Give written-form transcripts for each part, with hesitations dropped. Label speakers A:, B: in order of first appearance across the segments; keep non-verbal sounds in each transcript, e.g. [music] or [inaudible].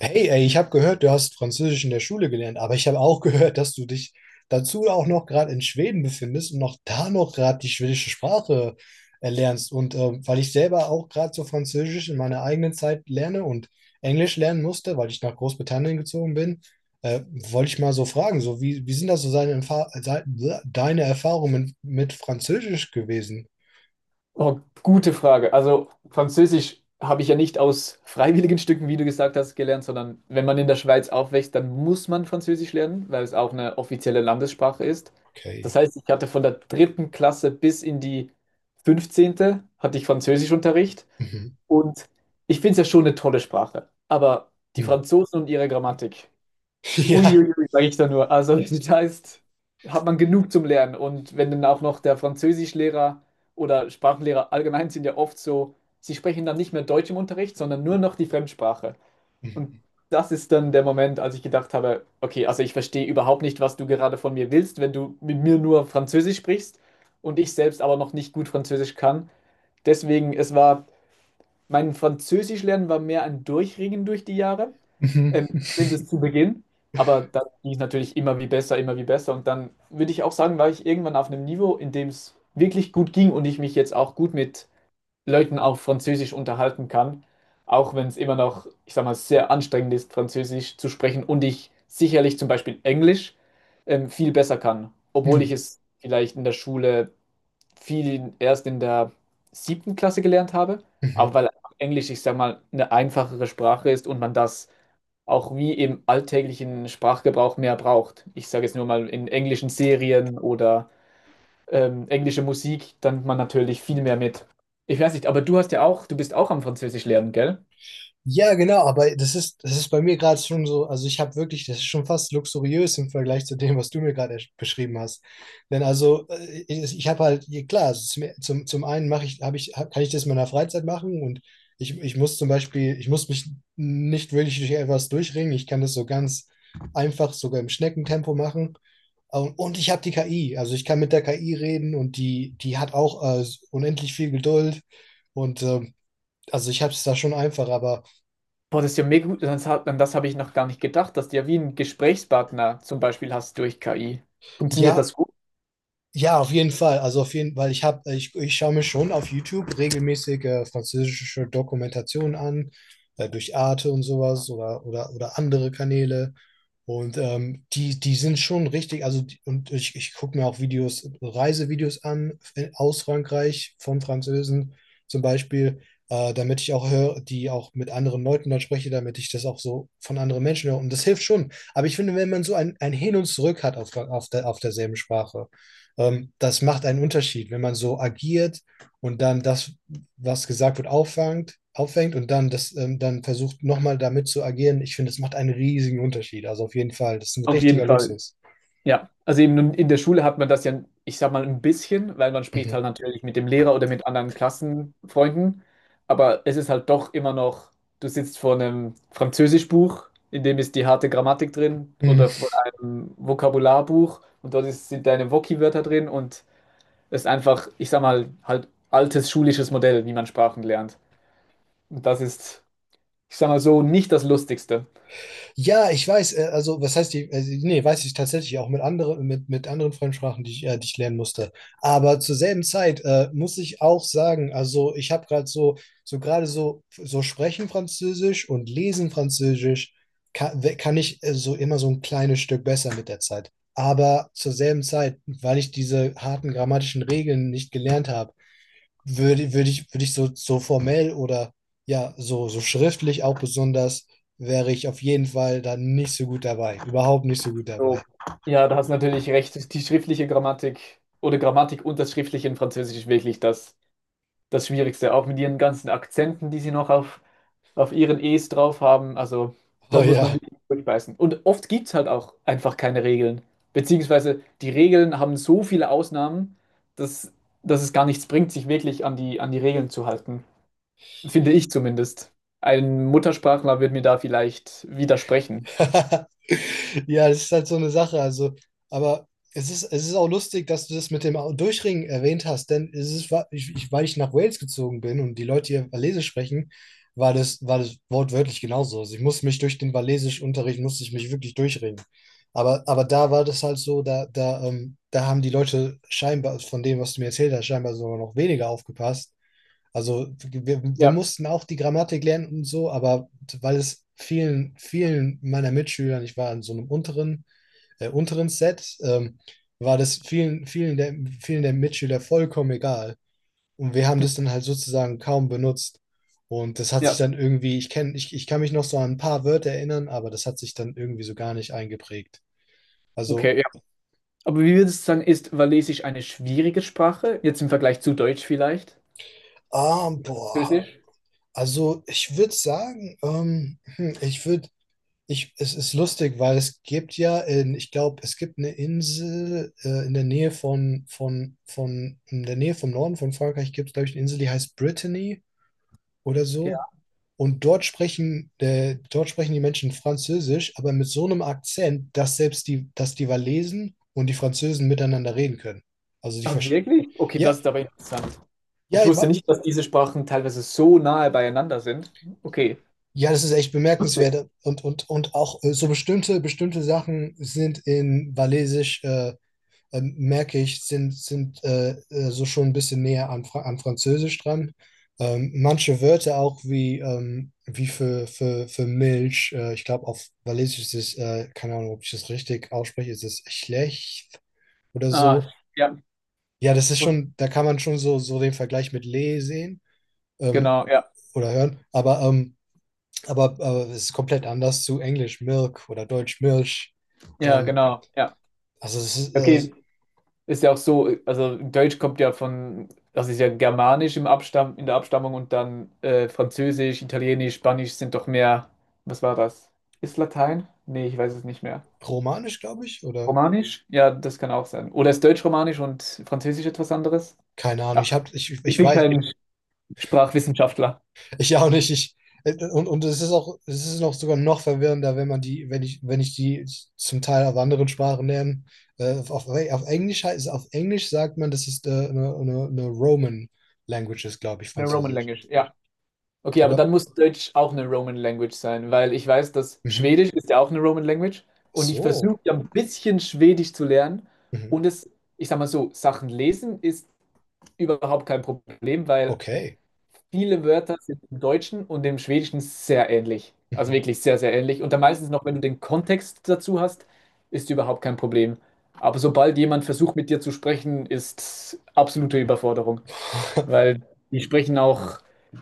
A: Hey, ey, ich habe gehört, du hast Französisch in der Schule gelernt, aber ich habe auch gehört, dass du dich dazu auch noch gerade in Schweden befindest und noch da noch gerade die schwedische Sprache erlernst. Weil ich selber auch gerade so Französisch in meiner eigenen Zeit lerne und Englisch lernen musste, weil ich nach Großbritannien gezogen bin, wollte ich mal so fragen, so wie sind das so seine, deine Erfahrungen mit Französisch gewesen?
B: Oh, gute Frage. Also Französisch habe ich ja nicht aus freiwilligen Stücken, wie du gesagt hast, gelernt, sondern wenn man in der Schweiz aufwächst, dann muss man Französisch lernen, weil es auch eine offizielle Landessprache ist. Das
A: Okay.
B: heißt, ich hatte von der 3. Klasse bis in die 15. hatte ich Französischunterricht
A: Mhm.
B: und ich finde es ja schon eine tolle Sprache. Aber die
A: Mhm.
B: Franzosen und ihre Grammatik.
A: [laughs] Ja.
B: Uiuiui, sage ich da nur. Also [laughs] das heißt, hat man genug zum Lernen. Und wenn dann auch noch der Französischlehrer oder Sprachenlehrer allgemein sind ja oft so, sie sprechen dann nicht mehr Deutsch im Unterricht, sondern nur noch die Fremdsprache. Und
A: Mhm.
B: das ist dann der Moment, als ich gedacht habe: okay, also ich verstehe überhaupt nicht, was du gerade von mir willst, wenn du mit mir nur Französisch sprichst und ich selbst aber noch nicht gut Französisch kann. Deswegen, es war mein Französischlernen war mehr ein Durchringen durch die Jahre,
A: Mhm.
B: zumindest zu Beginn. Aber dann ging es natürlich immer wie besser, immer wie besser. Und dann würde ich auch sagen, war ich irgendwann auf einem Niveau, in dem es wirklich gut ging und ich mich jetzt auch gut mit Leuten auf Französisch unterhalten kann. Auch wenn es immer noch, ich sag mal, sehr anstrengend ist, Französisch zu sprechen und ich sicherlich zum Beispiel Englisch viel besser kann, obwohl ich
A: Mhm.
B: es vielleicht in der Schule viel erst in der 7. Klasse gelernt habe, aber
A: Mhm.
B: weil einfach Englisch, ich sag mal, eine einfachere Sprache ist und man das auch wie im alltäglichen Sprachgebrauch mehr braucht. Ich sage jetzt nur mal in englischen Serien oder englische Musik, dann man natürlich viel mehr mit. Ich weiß nicht, aber du hast ja auch, du bist auch am Französisch lernen, gell?
A: Ja, genau, aber das ist bei mir gerade schon so, also ich habe wirklich, das ist schon fast luxuriös im Vergleich zu dem, was du mir gerade beschrieben hast. Denn also ich, ich habe halt, ja, klar, also zum, zum, zum einen mache ich, habe ich, hab, kann ich das in meiner Freizeit machen und ich muss zum Beispiel, ich muss mich nicht wirklich durch etwas durchringen. Ich kann das so ganz einfach, sogar im Schneckentempo machen. Und ich habe die KI, also ich kann mit der KI reden und die hat auch unendlich viel Geduld und also ich habe es da schon einfach, aber
B: Boah, das ist ja mega gut. Das hat, an das habe ich noch gar nicht gedacht, dass du ja wie einen Gesprächspartner zum Beispiel hast durch KI. Funktioniert
A: ja,
B: das gut?
A: ja, auf jeden Fall. Also auf jeden, weil ich schaue mir schon auf YouTube regelmäßig französische Dokumentationen an, durch Arte und sowas oder andere Kanäle. Und die sind schon richtig, ich gucke mir auch Videos, Reisevideos an aus Frankreich von Französen zum Beispiel, damit ich auch höre, die auch mit anderen Leuten dann spreche, damit ich das auch so von anderen Menschen höre. Und das hilft schon. Aber ich finde, wenn man so ein Hin und Zurück hat auf derselben Sprache. Das macht einen Unterschied, wenn man so agiert und dann was gesagt wird, auffängt und dann dann versucht nochmal damit zu agieren. Ich finde, das macht einen riesigen Unterschied. Also auf jeden Fall, das ist ein
B: Auf jeden
A: richtiger
B: Fall.
A: Luxus.
B: Ja, also eben in der Schule hat man das ja, ich sag mal, ein bisschen, weil man spricht halt
A: Mhm.
B: natürlich mit dem Lehrer oder mit anderen Klassenfreunden, aber es ist halt doch immer noch, du sitzt vor einem Französischbuch, in dem ist die harte Grammatik drin oder
A: Mhm.
B: vor einem Vokabularbuch und dort ist, sind deine Woki-Wörter drin und es ist einfach, ich sag mal, halt altes schulisches Modell, wie man Sprachen lernt. Und das ist, ich sag mal so, nicht das Lustigste.
A: Ja, ich weiß, also was heißt die, also, nee, weiß ich tatsächlich auch mit anderen, mit anderen Fremdsprachen, die ich lernen musste. Aber zur selben Zeit muss ich auch sagen, also ich habe gerade so, so sprechen Französisch und lesen Französisch kann, kann ich so immer so ein kleines Stück besser mit der Zeit. Aber zur selben Zeit, weil ich diese harten grammatischen Regeln nicht gelernt habe, würde ich so, so formell oder ja, so, so schriftlich auch besonders, wäre ich auf jeden Fall dann nicht so gut dabei. Überhaupt nicht so gut dabei.
B: So, ja, da hast du natürlich recht. Die schriftliche Grammatik oder Grammatik und das Schriftliche in Französisch ist wirklich das, das Schwierigste. Auch mit ihren ganzen Akzenten, die sie noch auf ihren E's drauf haben. Also,
A: Oh
B: dann muss man
A: ja.
B: wirklich durchbeißen. Und oft gibt es halt auch einfach keine Regeln. Beziehungsweise die Regeln haben so viele Ausnahmen, dass, dass es gar nichts bringt, sich wirklich an die Regeln zu halten. Finde ich zumindest. Ein Muttersprachler wird mir da vielleicht widersprechen.
A: [laughs] Ja, das ist halt so eine Sache. Also, aber es ist auch lustig, dass du das mit dem Durchringen erwähnt hast, denn es ist, ich, weil ich nach Wales gezogen bin und die Leute hier Walisisch sprechen, war das wortwörtlich genauso. Also ich musste mich durch den Walisischunterricht, musste ich mich wirklich durchringen. Aber da war das halt so, da haben die Leute scheinbar, von dem, was du mir erzählt hast, scheinbar sogar noch weniger aufgepasst. Wir
B: Ja,
A: mussten auch die Grammatik lernen und so, aber weil es vielen meiner Mitschülern, ich war in so einem unteren, unteren Set, war das vielen der Mitschüler vollkommen egal. Und wir haben das dann halt sozusagen kaum benutzt. Und das hat sich
B: ja,
A: dann irgendwie, ich kann mich noch so an ein paar Wörter erinnern, aber das hat sich dann irgendwie so gar nicht eingeprägt. Also,
B: okay. Aber wie würdest du sagen, ist Walisisch eine schwierige Sprache? Jetzt im Vergleich zu Deutsch vielleicht?
A: ah, boah,
B: Französisch?
A: also ich würde sagen, Ich, es ist lustig, weil es gibt ja, ich glaube, es gibt eine Insel in der Nähe in der Nähe vom Norden von Frankreich gibt es, glaube ich, eine Insel, die heißt Brittany oder so.
B: Ja.
A: Und dort sprechen die Menschen Französisch, aber mit so einem Akzent, dass dass die Walesen und die Französen miteinander reden können. Also die
B: Ah,
A: verstehen.
B: wirklich? Okay, das
A: Ja,
B: ist aber interessant.
A: ja,
B: Ich wusste nicht, dass diese Sprachen teilweise so nahe beieinander sind. Okay.
A: ja, das ist echt
B: Lustig.
A: bemerkenswert. Und auch so bestimmte Sachen sind in Walisisch. Merke ich, sind so schon ein bisschen näher an, Fra an Französisch dran. Manche Wörter auch wie, wie für Milch, ich glaube auf Walisisch ist es, keine Ahnung, ob ich das richtig ausspreche, ist es schlecht oder
B: Ah,
A: so.
B: ja.
A: Ja, das ist schon, da kann man schon so, so den Vergleich mit Le sehen ähm,
B: Genau, ja.
A: oder hören, aber, aber es ist komplett anders zu Englisch Milk oder Deutsch Milch.
B: Ja,
A: Ähm,
B: genau, ja.
A: also es ist
B: Okay, ist ja auch so, also Deutsch kommt ja von, das ist ja Germanisch im Abstamm, in der Abstammung und dann Französisch, Italienisch, Spanisch sind doch mehr, was war das? Ist Latein? Nee, ich weiß es nicht mehr.
A: romanisch, glaube ich, oder?
B: Romanisch? Ja, das kann auch sein. Oder ist Deutsch-Romanisch und Französisch etwas anderes?
A: Keine Ahnung,
B: Ja, ich
A: ich
B: bin
A: weiß,
B: kein Sprachwissenschaftler.
A: ich auch nicht. Ich, und es ist auch, es ist noch sogar noch verwirrender, wenn man die, wenn ich die zum Teil auf anderen Sprachen lerne. Auf Englisch heißt, auf Englisch sagt man, das ist eine Roman Language ist, glaube ich,
B: Eine Roman
A: Französisch.
B: Language, ja. Okay, aber
A: Aber,
B: dann muss Deutsch auch eine Roman Language sein, weil ich weiß, dass
A: mhm.
B: Schwedisch ist ja auch eine Roman Language
A: Ach
B: und ich
A: so,
B: versuche ja ein bisschen Schwedisch zu lernen
A: mhm.
B: und es, ich sag mal so, Sachen lesen ist überhaupt kein Problem, weil
A: Okay.
B: viele Wörter sind im Deutschen und im Schwedischen sehr ähnlich. Also
A: Mhm.
B: wirklich sehr, sehr ähnlich. Und dann meistens noch, wenn du den Kontext dazu hast, ist überhaupt kein Problem. Aber sobald jemand versucht, mit dir zu sprechen, ist absolute Überforderung, weil die sprechen auch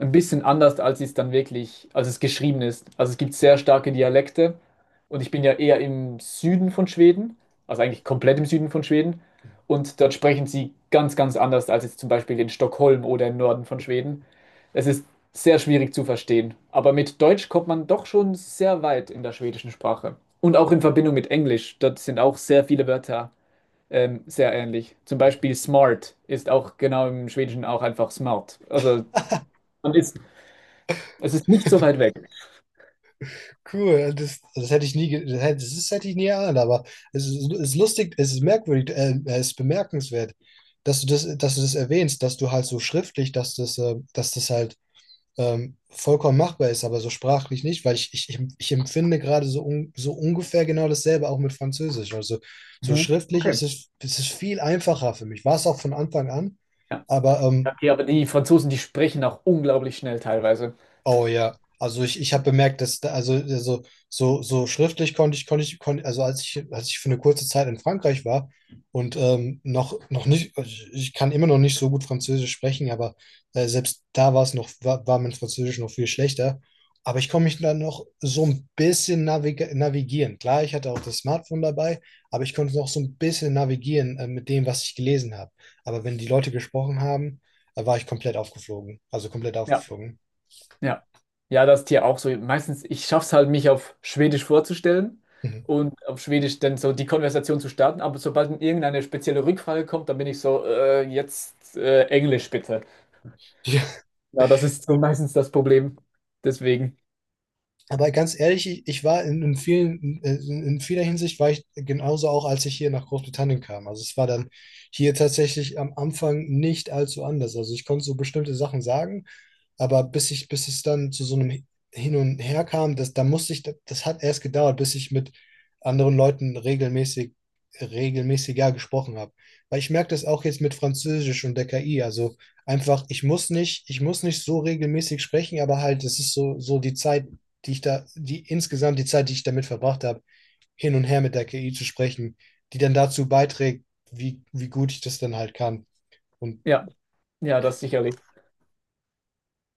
B: ein bisschen anders, als es dann wirklich, als es geschrieben ist. Also es gibt sehr starke Dialekte und ich bin ja eher im Süden von Schweden, also eigentlich komplett im Süden von Schweden und dort sprechen sie ganz, ganz anders als jetzt zum Beispiel in Stockholm oder im Norden von Schweden. Es ist sehr schwierig zu verstehen, aber mit Deutsch kommt man doch schon sehr weit in der schwedischen Sprache und auch in Verbindung mit Englisch. Dort sind auch sehr viele Wörter sehr ähnlich. Zum Beispiel smart ist auch genau im Schwedischen auch einfach smart. Also
A: [laughs]
B: man ist, es ist nicht so weit weg.
A: Cool, das hätte ich nie, das hätte ich nie erahnt, aber es ist lustig, es ist merkwürdig, es ist bemerkenswert, dass du das erwähnst, dass du halt so schriftlich, dass das halt vollkommen machbar ist, aber so sprachlich nicht, weil ich ich empfinde gerade so, so ungefähr genau dasselbe auch mit Französisch. Also so
B: Mhm.
A: schriftlich
B: Okay.
A: ist es viel einfacher für mich. War es auch von Anfang an,
B: Ja.
A: aber
B: Okay, aber die Franzosen, die sprechen auch unglaublich schnell teilweise.
A: oh ja, also ich habe bemerkt, dass da, also so, so schriftlich konnte, als ich für eine kurze Zeit in Frankreich war und noch nicht, ich kann immer noch nicht so gut Französisch sprechen, aber selbst da war es noch, war mein Französisch noch viel schlechter. Aber ich konnte mich dann noch so ein bisschen navigieren. Klar, ich hatte auch das Smartphone dabei, aber ich konnte noch so ein bisschen navigieren mit dem, was ich gelesen habe. Aber wenn die Leute gesprochen haben, war ich komplett aufgeflogen. Also komplett
B: Ja,
A: aufgeflogen.
B: ja. Ja, das ist hier auch so. Meistens, ich schaffe es halt, mich auf Schwedisch vorzustellen
A: Mhm.
B: und auf Schwedisch dann so die Konversation zu starten. Aber sobald irgendeine spezielle Rückfrage kommt, dann bin ich so, jetzt Englisch bitte.
A: Ja,
B: Ja, das ist so meistens das Problem. Deswegen,
A: aber ganz ehrlich, ich war in vielen, in vieler Hinsicht war ich genauso auch, als ich hier nach Großbritannien kam. Also es war dann hier tatsächlich am Anfang nicht allzu anders. Also ich konnte so bestimmte Sachen sagen, aber bis es dann zu so einem Hin und Her kam, da musste ich, das, hat erst gedauert, bis ich mit anderen Leuten regelmäßig, regelmäßiger gesprochen habe. Weil ich merke das auch jetzt mit Französisch und der KI. Also einfach, ich muss nicht so regelmäßig sprechen, aber halt, es ist so, so die Zeit, die insgesamt die Zeit, die ich damit verbracht habe, hin und her mit der KI zu sprechen, die dann dazu beiträgt, wie gut ich das dann halt kann. Und
B: ja, ja, das sicherlich.